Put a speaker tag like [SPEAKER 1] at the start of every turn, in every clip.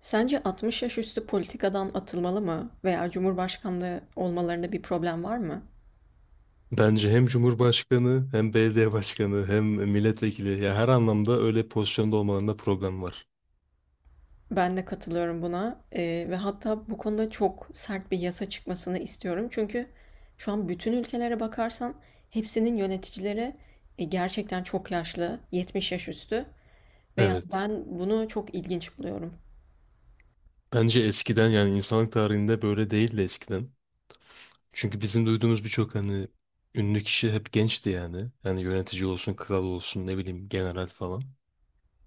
[SPEAKER 1] Sence 60 yaş üstü politikadan atılmalı mı veya Cumhurbaşkanlığı olmalarında bir problem var mı?
[SPEAKER 2] Bence hem Cumhurbaşkanı hem belediye başkanı hem milletvekili ya her anlamda öyle pozisyonda olmalarında problem var.
[SPEAKER 1] Ben de katılıyorum buna. Ve hatta bu konuda çok sert bir yasa çıkmasını istiyorum. Çünkü şu an bütün ülkelere bakarsan hepsinin yöneticileri gerçekten çok yaşlı, 70 yaş üstü ve yani
[SPEAKER 2] Evet.
[SPEAKER 1] ben bunu çok ilginç buluyorum.
[SPEAKER 2] Bence eskiden yani insanlık tarihinde böyle değildi eskiden. Çünkü bizim duyduğumuz birçok hani ünlü kişi hep gençti yani. Yani yönetici olsun, kral olsun, ne bileyim general falan.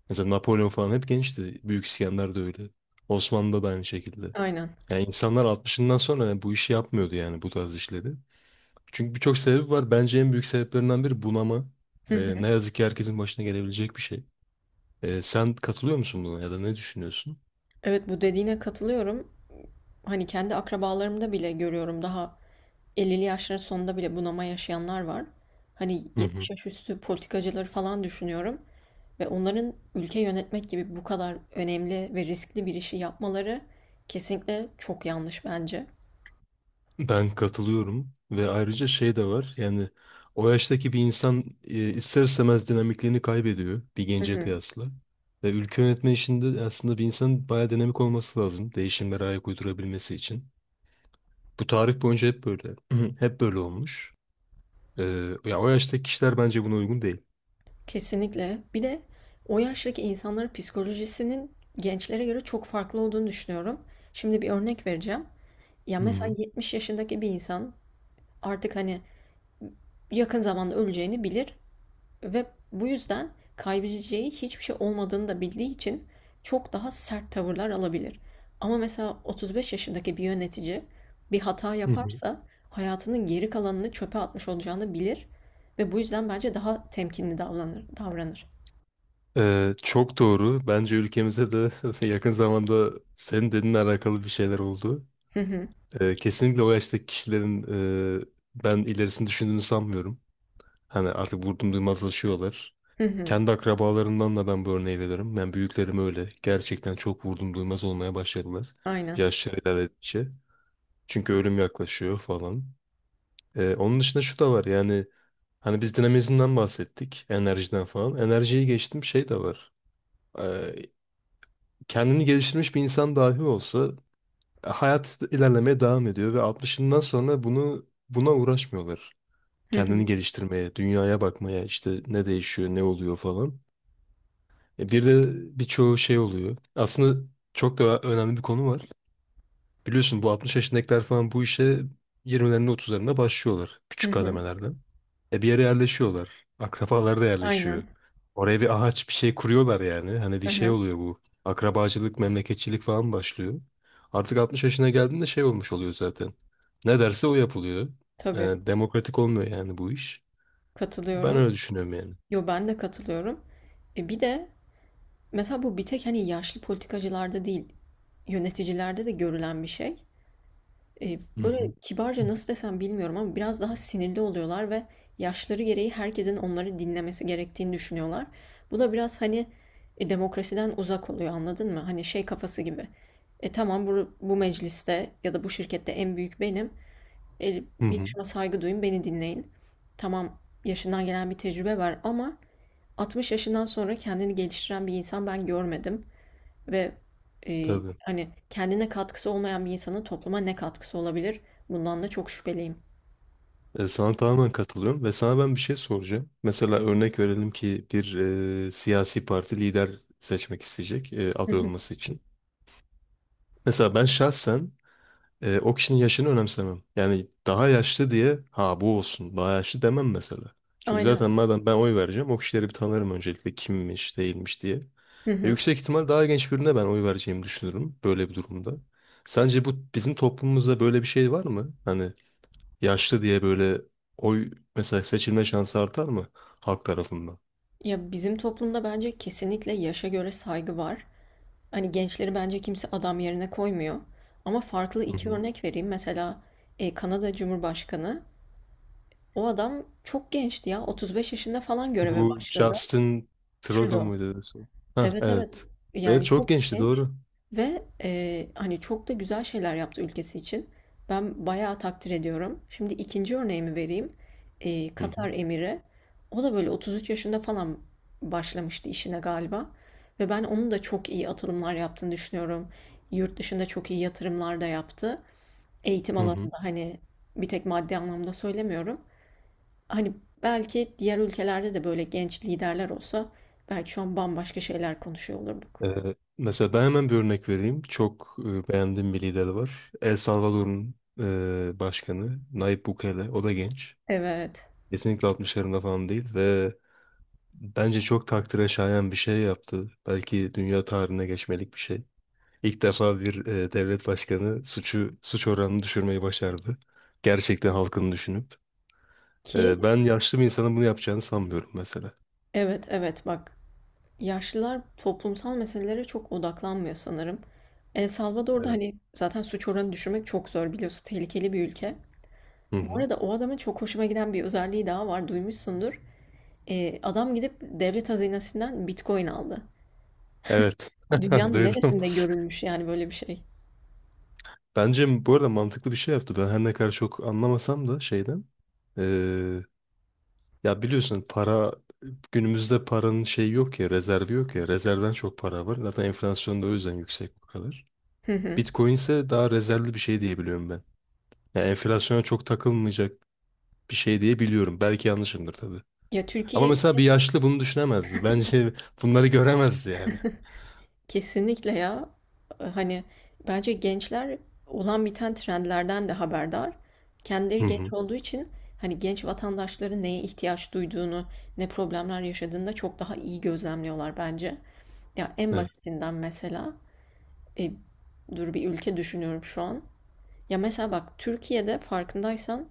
[SPEAKER 2] Mesela Napolyon falan hep gençti. Büyük İskender de öyle. Osmanlı'da da aynı şekilde.
[SPEAKER 1] Aynen.
[SPEAKER 2] Yani insanlar altmışından sonra bu işi yapmıyordu yani bu tarz işleri. Çünkü birçok sebebi var. Bence en büyük sebeplerinden biri bunama.
[SPEAKER 1] Hı hı.
[SPEAKER 2] Ne yazık ki herkesin başına gelebilecek bir şey. Sen katılıyor musun buna ya da ne düşünüyorsun?
[SPEAKER 1] Evet, bu dediğine katılıyorum. Hani kendi akrabalarımda bile görüyorum, daha 50'li yaşların sonunda bile bunama yaşayanlar var. Hani
[SPEAKER 2] Hı
[SPEAKER 1] 70
[SPEAKER 2] hı.
[SPEAKER 1] yaş üstü politikacıları falan düşünüyorum ve onların ülke yönetmek gibi bu kadar önemli ve riskli bir işi yapmaları kesinlikle çok yanlış bence.
[SPEAKER 2] Ben katılıyorum ve ayrıca şey de var. Yani o yaştaki bir insan ister istemez dinamikliğini kaybediyor bir
[SPEAKER 1] Hı
[SPEAKER 2] gence
[SPEAKER 1] hı.
[SPEAKER 2] kıyasla. Ve ülke yönetme işinde aslında bir insanın bayağı dinamik olması lazım. Değişimlere ayak uydurabilmesi için. Bu tarih boyunca hep böyle. Hı hı. Hep böyle olmuş. Ya o yaştaki kişiler bence buna uygun değil.
[SPEAKER 1] Kesinlikle. Bir de o yaştaki insanların psikolojisinin gençlere göre çok farklı olduğunu düşünüyorum. Şimdi bir örnek vereceğim. Ya
[SPEAKER 2] Hı
[SPEAKER 1] mesela
[SPEAKER 2] hı.
[SPEAKER 1] 70 yaşındaki bir insan artık hani yakın zamanda öleceğini bilir. Ve bu yüzden kaybedeceği hiçbir şey olmadığını da bildiği için çok daha sert tavırlar alabilir. Ama mesela 35 yaşındaki bir yönetici bir hata
[SPEAKER 2] Hı hı.
[SPEAKER 1] yaparsa hayatının geri kalanını çöpe atmış olacağını bilir ve bu yüzden bence daha temkinli davranır.
[SPEAKER 2] Çok doğru. Bence ülkemizde de yakın zamanda senin dediğinle alakalı bir şeyler oldu.
[SPEAKER 1] Hı hı,
[SPEAKER 2] Kesinlikle o yaştaki kişilerin e, ben ilerisini düşündüğünü sanmıyorum. Hani artık vurdum duymazlaşıyorlar.
[SPEAKER 1] hı hı,
[SPEAKER 2] Kendi akrabalarından da ben bu örneği veririm. Ben büyüklerim öyle. Gerçekten çok vurdum duymaz olmaya başladılar.
[SPEAKER 1] aynen.
[SPEAKER 2] Yaşları ilerledikçe. Çünkü ölüm yaklaşıyor falan. Onun dışında şu da var yani hani biz dinamizmden bahsettik. Enerjiden falan. Enerjiyi geçtim şey de var. Kendini geliştirmiş bir insan dahi olsa hayat ilerlemeye devam ediyor ve 60'ından sonra buna uğraşmıyorlar.
[SPEAKER 1] Hı
[SPEAKER 2] Kendini
[SPEAKER 1] hı,
[SPEAKER 2] geliştirmeye, dünyaya bakmaya, işte ne değişiyor, ne oluyor falan. E, bir de birçoğu şey oluyor. Aslında çok da önemli bir konu var. Biliyorsun bu 60 yaşındakiler falan bu işe 20'lerinde 30'larında başlıyorlar
[SPEAKER 1] hı
[SPEAKER 2] küçük
[SPEAKER 1] hı,
[SPEAKER 2] kademelerden. E bir yere yerleşiyorlar. Akrabalar da yerleşiyor.
[SPEAKER 1] aynen.
[SPEAKER 2] Oraya bir ağaç bir şey kuruyorlar yani. Hani bir
[SPEAKER 1] Hı
[SPEAKER 2] şey
[SPEAKER 1] hı.
[SPEAKER 2] oluyor bu. Akrabacılık, memleketçilik falan başlıyor. Artık 60 yaşına geldiğinde şey olmuş oluyor zaten. Ne derse o yapılıyor. E,
[SPEAKER 1] Tabii,
[SPEAKER 2] demokratik olmuyor yani bu iş. Ben
[SPEAKER 1] katılıyorum.
[SPEAKER 2] öyle düşünüyorum yani.
[SPEAKER 1] Yo, ben de katılıyorum. E bir de mesela bu bir tek hani yaşlı politikacılarda değil, yöneticilerde de görülen bir şey.
[SPEAKER 2] Hı
[SPEAKER 1] Böyle
[SPEAKER 2] hı.
[SPEAKER 1] kibarca nasıl desem bilmiyorum ama biraz daha sinirli oluyorlar ve yaşları gereği herkesin onları dinlemesi gerektiğini düşünüyorlar. Bu da biraz hani demokrasiden uzak oluyor, anladın mı? Hani şey kafası gibi. E tamam, bu mecliste ya da bu şirkette en büyük benim. E,
[SPEAKER 2] Hı hı.
[SPEAKER 1] Yaşıma saygı duyun, beni dinleyin. Tamam, yaşından gelen bir tecrübe var ama 60 yaşından sonra kendini geliştiren bir insan ben görmedim. Ve
[SPEAKER 2] Tabii.
[SPEAKER 1] hani kendine katkısı olmayan bir insanın topluma ne katkısı olabilir? Bundan da çok şüpheliyim.
[SPEAKER 2] Sana tamamen katılıyorum ve sana ben bir şey soracağım. Mesela örnek verelim ki bir siyasi parti lider seçmek isteyecek
[SPEAKER 1] Hı
[SPEAKER 2] aday
[SPEAKER 1] hı.
[SPEAKER 2] olması için. Mesela ben şahsen o kişinin yaşını önemsemem. Yani daha yaşlı diye ha bu olsun daha yaşlı demem mesela. Çünkü
[SPEAKER 1] Aynen.
[SPEAKER 2] zaten madem ben oy vereceğim o kişileri bir tanırım öncelikle kimmiş değilmiş diye.
[SPEAKER 1] Hı
[SPEAKER 2] Ve
[SPEAKER 1] hı.
[SPEAKER 2] yüksek ihtimal daha genç birine ben oy vereceğimi düşünürüm böyle bir durumda. Sence bu bizim toplumumuzda böyle bir şey var mı? Hani yaşlı diye böyle oy mesela seçilme şansı artar mı halk tarafından?
[SPEAKER 1] Ya, bizim toplumda bence kesinlikle yaşa göre saygı var. Hani gençleri bence kimse adam yerine koymuyor. Ama farklı
[SPEAKER 2] Hı
[SPEAKER 1] iki
[SPEAKER 2] hı.
[SPEAKER 1] örnek vereyim. Mesela Kanada Cumhurbaşkanı. O adam çok gençti ya. 35 yaşında falan göreve
[SPEAKER 2] Bu
[SPEAKER 1] başladı.
[SPEAKER 2] Justin Trudeau
[SPEAKER 1] Trudeau.
[SPEAKER 2] muydu? Dedesi? Ha
[SPEAKER 1] Evet, evet.
[SPEAKER 2] evet. Evet
[SPEAKER 1] Yani
[SPEAKER 2] çok
[SPEAKER 1] çok
[SPEAKER 2] gençti
[SPEAKER 1] genç.
[SPEAKER 2] doğru.
[SPEAKER 1] Ve hani çok da güzel şeyler yaptı ülkesi için. Ben bayağı takdir ediyorum. Şimdi ikinci örneğimi vereyim.
[SPEAKER 2] Hı hı.
[SPEAKER 1] Katar Emiri. O da böyle 33 yaşında falan başlamıştı işine galiba. Ve ben onun da çok iyi atılımlar yaptığını düşünüyorum. Yurt dışında çok iyi yatırımlar da yaptı. Eğitim
[SPEAKER 2] Hı hı.
[SPEAKER 1] alanında, hani bir tek maddi anlamda söylemiyorum. Hani belki diğer ülkelerde de böyle genç liderler olsa belki şu an bambaşka şeyler konuşuyor olurduk.
[SPEAKER 2] Mesela ben hemen bir örnek vereyim. Çok beğendiğim bir lider var. El Salvador'un başkanı Nayib Bukele. O da genç.
[SPEAKER 1] Evet.
[SPEAKER 2] Kesinlikle 60'larında falan değil ve bence çok takdire şayan bir şey yaptı. Belki dünya tarihine geçmelik bir şey. İlk defa bir devlet başkanı suç oranını düşürmeyi başardı. Gerçekten halkını düşünüp.
[SPEAKER 1] Ki
[SPEAKER 2] Ben yaşlı bir insanın bunu yapacağını sanmıyorum mesela.
[SPEAKER 1] evet, evet. Bak, yaşlılar toplumsal meselelere çok odaklanmıyor sanırım. El Salvador'da
[SPEAKER 2] Evet.
[SPEAKER 1] hani zaten suç oranı düşürmek çok zor, biliyorsun. Tehlikeli bir ülke.
[SPEAKER 2] Hı
[SPEAKER 1] Bu
[SPEAKER 2] hı.
[SPEAKER 1] arada o adamın çok hoşuma giden bir özelliği daha var. Duymuşsundur. Adam gidip devlet hazinesinden Bitcoin aldı.
[SPEAKER 2] Evet.
[SPEAKER 1] Dünyanın
[SPEAKER 2] Duydum.
[SPEAKER 1] neresinde görülmüş yani böyle bir şey?
[SPEAKER 2] Bence bu arada mantıklı bir şey yaptı. Ben her ne kadar çok anlamasam da şeyden. e, Ya biliyorsun para günümüzde paranın şeyi yok ya rezervi yok ya. Rezervden çok para var. Zaten enflasyon da o yüzden yüksek bu kadar.
[SPEAKER 1] Hı hı.
[SPEAKER 2] Bitcoin ise daha rezervli bir şey diyebiliyorum ben. Yani enflasyona çok takılmayacak bir şey diye biliyorum. Belki yanlışımdır tabii.
[SPEAKER 1] Ya,
[SPEAKER 2] Ama
[SPEAKER 1] Türkiye
[SPEAKER 2] mesela bir yaşlı bunu düşünemezdi. Bence bunları göremezdi yani.
[SPEAKER 1] kesinlikle ya. Hani bence gençler olan biten trendlerden de haberdar.
[SPEAKER 2] Hı
[SPEAKER 1] Kendileri genç
[SPEAKER 2] hı.
[SPEAKER 1] olduğu için hani genç vatandaşların neye ihtiyaç duyduğunu, ne problemler yaşadığını da çok daha iyi gözlemliyorlar bence. Ya en
[SPEAKER 2] Evet,
[SPEAKER 1] basitinden mesela e, dur, bir ülke düşünüyorum şu an. Ya mesela bak, Türkiye'de farkındaysan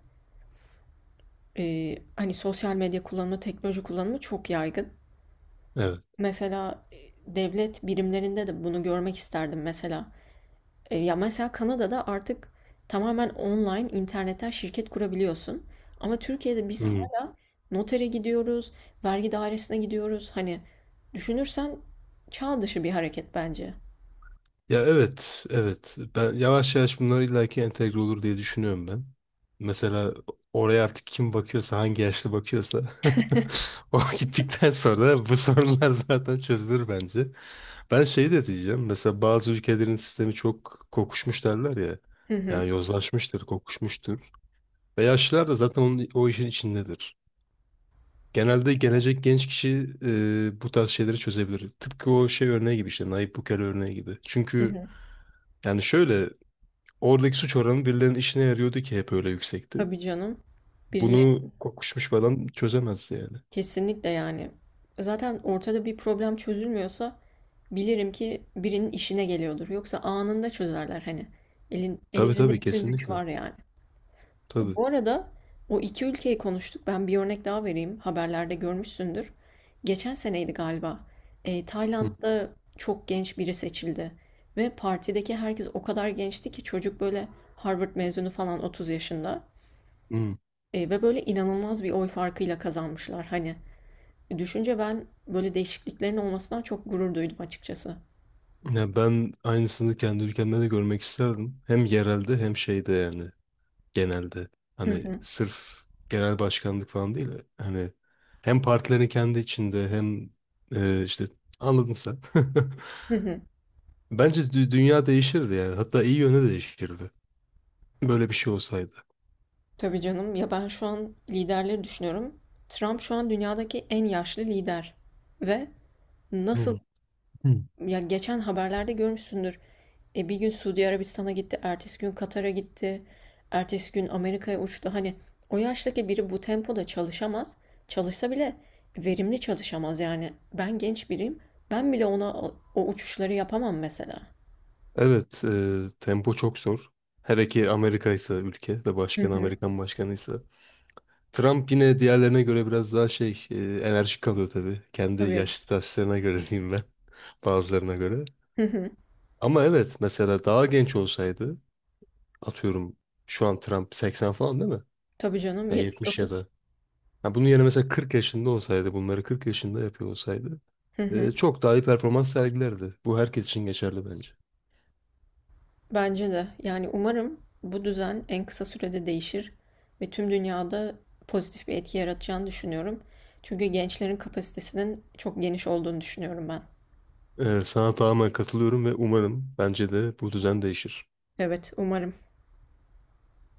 [SPEAKER 1] hani sosyal medya kullanımı, teknoloji kullanımı çok yaygın.
[SPEAKER 2] evet.
[SPEAKER 1] Mesela devlet birimlerinde de bunu görmek isterdim mesela. Ya mesela Kanada'da artık tamamen online internetten şirket kurabiliyorsun. Ama Türkiye'de biz
[SPEAKER 2] Hı.
[SPEAKER 1] hala notere gidiyoruz, vergi dairesine gidiyoruz. Hani düşünürsen çağ dışı bir hareket bence.
[SPEAKER 2] Ya evet, evet. Ben yavaş yavaş bunlar illaki entegre olur diye düşünüyorum ben. Mesela oraya artık kim bakıyorsa, hangi yaşlı bakıyorsa o gittikten sonra bu sorunlar zaten çözülür bence. Ben şey de diyeceğim. Mesela bazı ülkelerin sistemi çok kokuşmuş derler ya.
[SPEAKER 1] Hı hı,
[SPEAKER 2] Yani yozlaşmıştır, kokuşmuştur. Ve yaşlılar da zaten o işin içindedir. Genelde gelecek genç kişi bu tarz şeyleri çözebilir. Tıpkı o şey örneği gibi işte Nayib Bukele örneği gibi.
[SPEAKER 1] hı
[SPEAKER 2] Çünkü
[SPEAKER 1] hı.
[SPEAKER 2] yani şöyle oradaki suç oranı birilerinin işine yarıyordu ki hep öyle yüksekti.
[SPEAKER 1] Tabii canım. Birileri
[SPEAKER 2] Bunu kokuşmuş bir adam çözemez yani.
[SPEAKER 1] kesinlikle yani. Zaten ortada bir problem çözülmüyorsa bilirim ki birinin işine geliyordur. Yoksa anında çözerler hani.
[SPEAKER 2] Tabii
[SPEAKER 1] Ellerinde
[SPEAKER 2] tabii
[SPEAKER 1] bütün güç
[SPEAKER 2] kesinlikle.
[SPEAKER 1] var yani.
[SPEAKER 2] Tabii.
[SPEAKER 1] Bu arada o iki ülkeyi konuştuk. Ben bir örnek daha vereyim. Haberlerde görmüşsündür. Geçen seneydi galiba.
[SPEAKER 2] Hı.
[SPEAKER 1] Tayland'da çok genç biri seçildi. Ve partideki herkes o kadar gençti ki çocuk böyle Harvard mezunu falan, 30 yaşında.
[SPEAKER 2] Hı.
[SPEAKER 1] Ve böyle inanılmaz bir oy farkıyla kazanmışlar. Hani düşünce ben böyle değişikliklerin olmasından çok gurur duydum açıkçası.
[SPEAKER 2] Ya ben aynısını kendi ülkemde de görmek isterdim. Hem yerelde hem şeyde yani. Genelde.
[SPEAKER 1] Hı
[SPEAKER 2] Hani
[SPEAKER 1] hı,
[SPEAKER 2] sırf genel başkanlık falan değil. Hani hem partilerin kendi içinde hem işte anladın sen.
[SPEAKER 1] hı hı.
[SPEAKER 2] Bence dünya değişirdi yani. Hatta iyi yöne değişirdi. Böyle bir şey olsaydı.
[SPEAKER 1] Tabii canım, ya ben şu an liderleri düşünüyorum. Trump şu an dünyadaki en yaşlı lider. Ve nasıl,
[SPEAKER 2] Hı. Hı.
[SPEAKER 1] ya geçen haberlerde görmüşsündür. Bir gün Suudi Arabistan'a gitti, ertesi gün Katar'a gitti, ertesi gün Amerika'ya uçtu. Hani o yaştaki biri bu tempoda çalışamaz. Çalışsa bile verimli çalışamaz yani. Ben genç biriyim. Ben bile ona o uçuşları yapamam mesela.
[SPEAKER 2] Evet, tempo çok zor. Hele ki Amerika ise ülke ve
[SPEAKER 1] Hı
[SPEAKER 2] başkanı
[SPEAKER 1] hı.
[SPEAKER 2] Amerikan başkanıysa. Trump yine diğerlerine göre biraz daha şey enerjik kalıyor tabii. Kendi
[SPEAKER 1] Tabii.
[SPEAKER 2] yaşlı taşlarına göre diyeyim ben bazılarına göre.
[SPEAKER 1] Hı hı.
[SPEAKER 2] Ama evet mesela daha genç olsaydı atıyorum şu an Trump 80 falan değil mi?
[SPEAKER 1] Tabii canım,
[SPEAKER 2] Ya 70 ya
[SPEAKER 1] 79.
[SPEAKER 2] da. Ha, bunun yerine mesela 40 yaşında olsaydı, bunları 40 yaşında yapıyor olsaydı
[SPEAKER 1] Hı hı.
[SPEAKER 2] çok daha iyi performans sergilerdi. Bu herkes için geçerli bence.
[SPEAKER 1] Bence de. Yani umarım bu düzen en kısa sürede değişir ve tüm dünyada pozitif bir etki yaratacağını düşünüyorum. Çünkü gençlerin kapasitesinin çok geniş olduğunu düşünüyorum ben.
[SPEAKER 2] Sana tamamen katılıyorum ve umarım bence de bu düzen değişir.
[SPEAKER 1] Evet, umarım.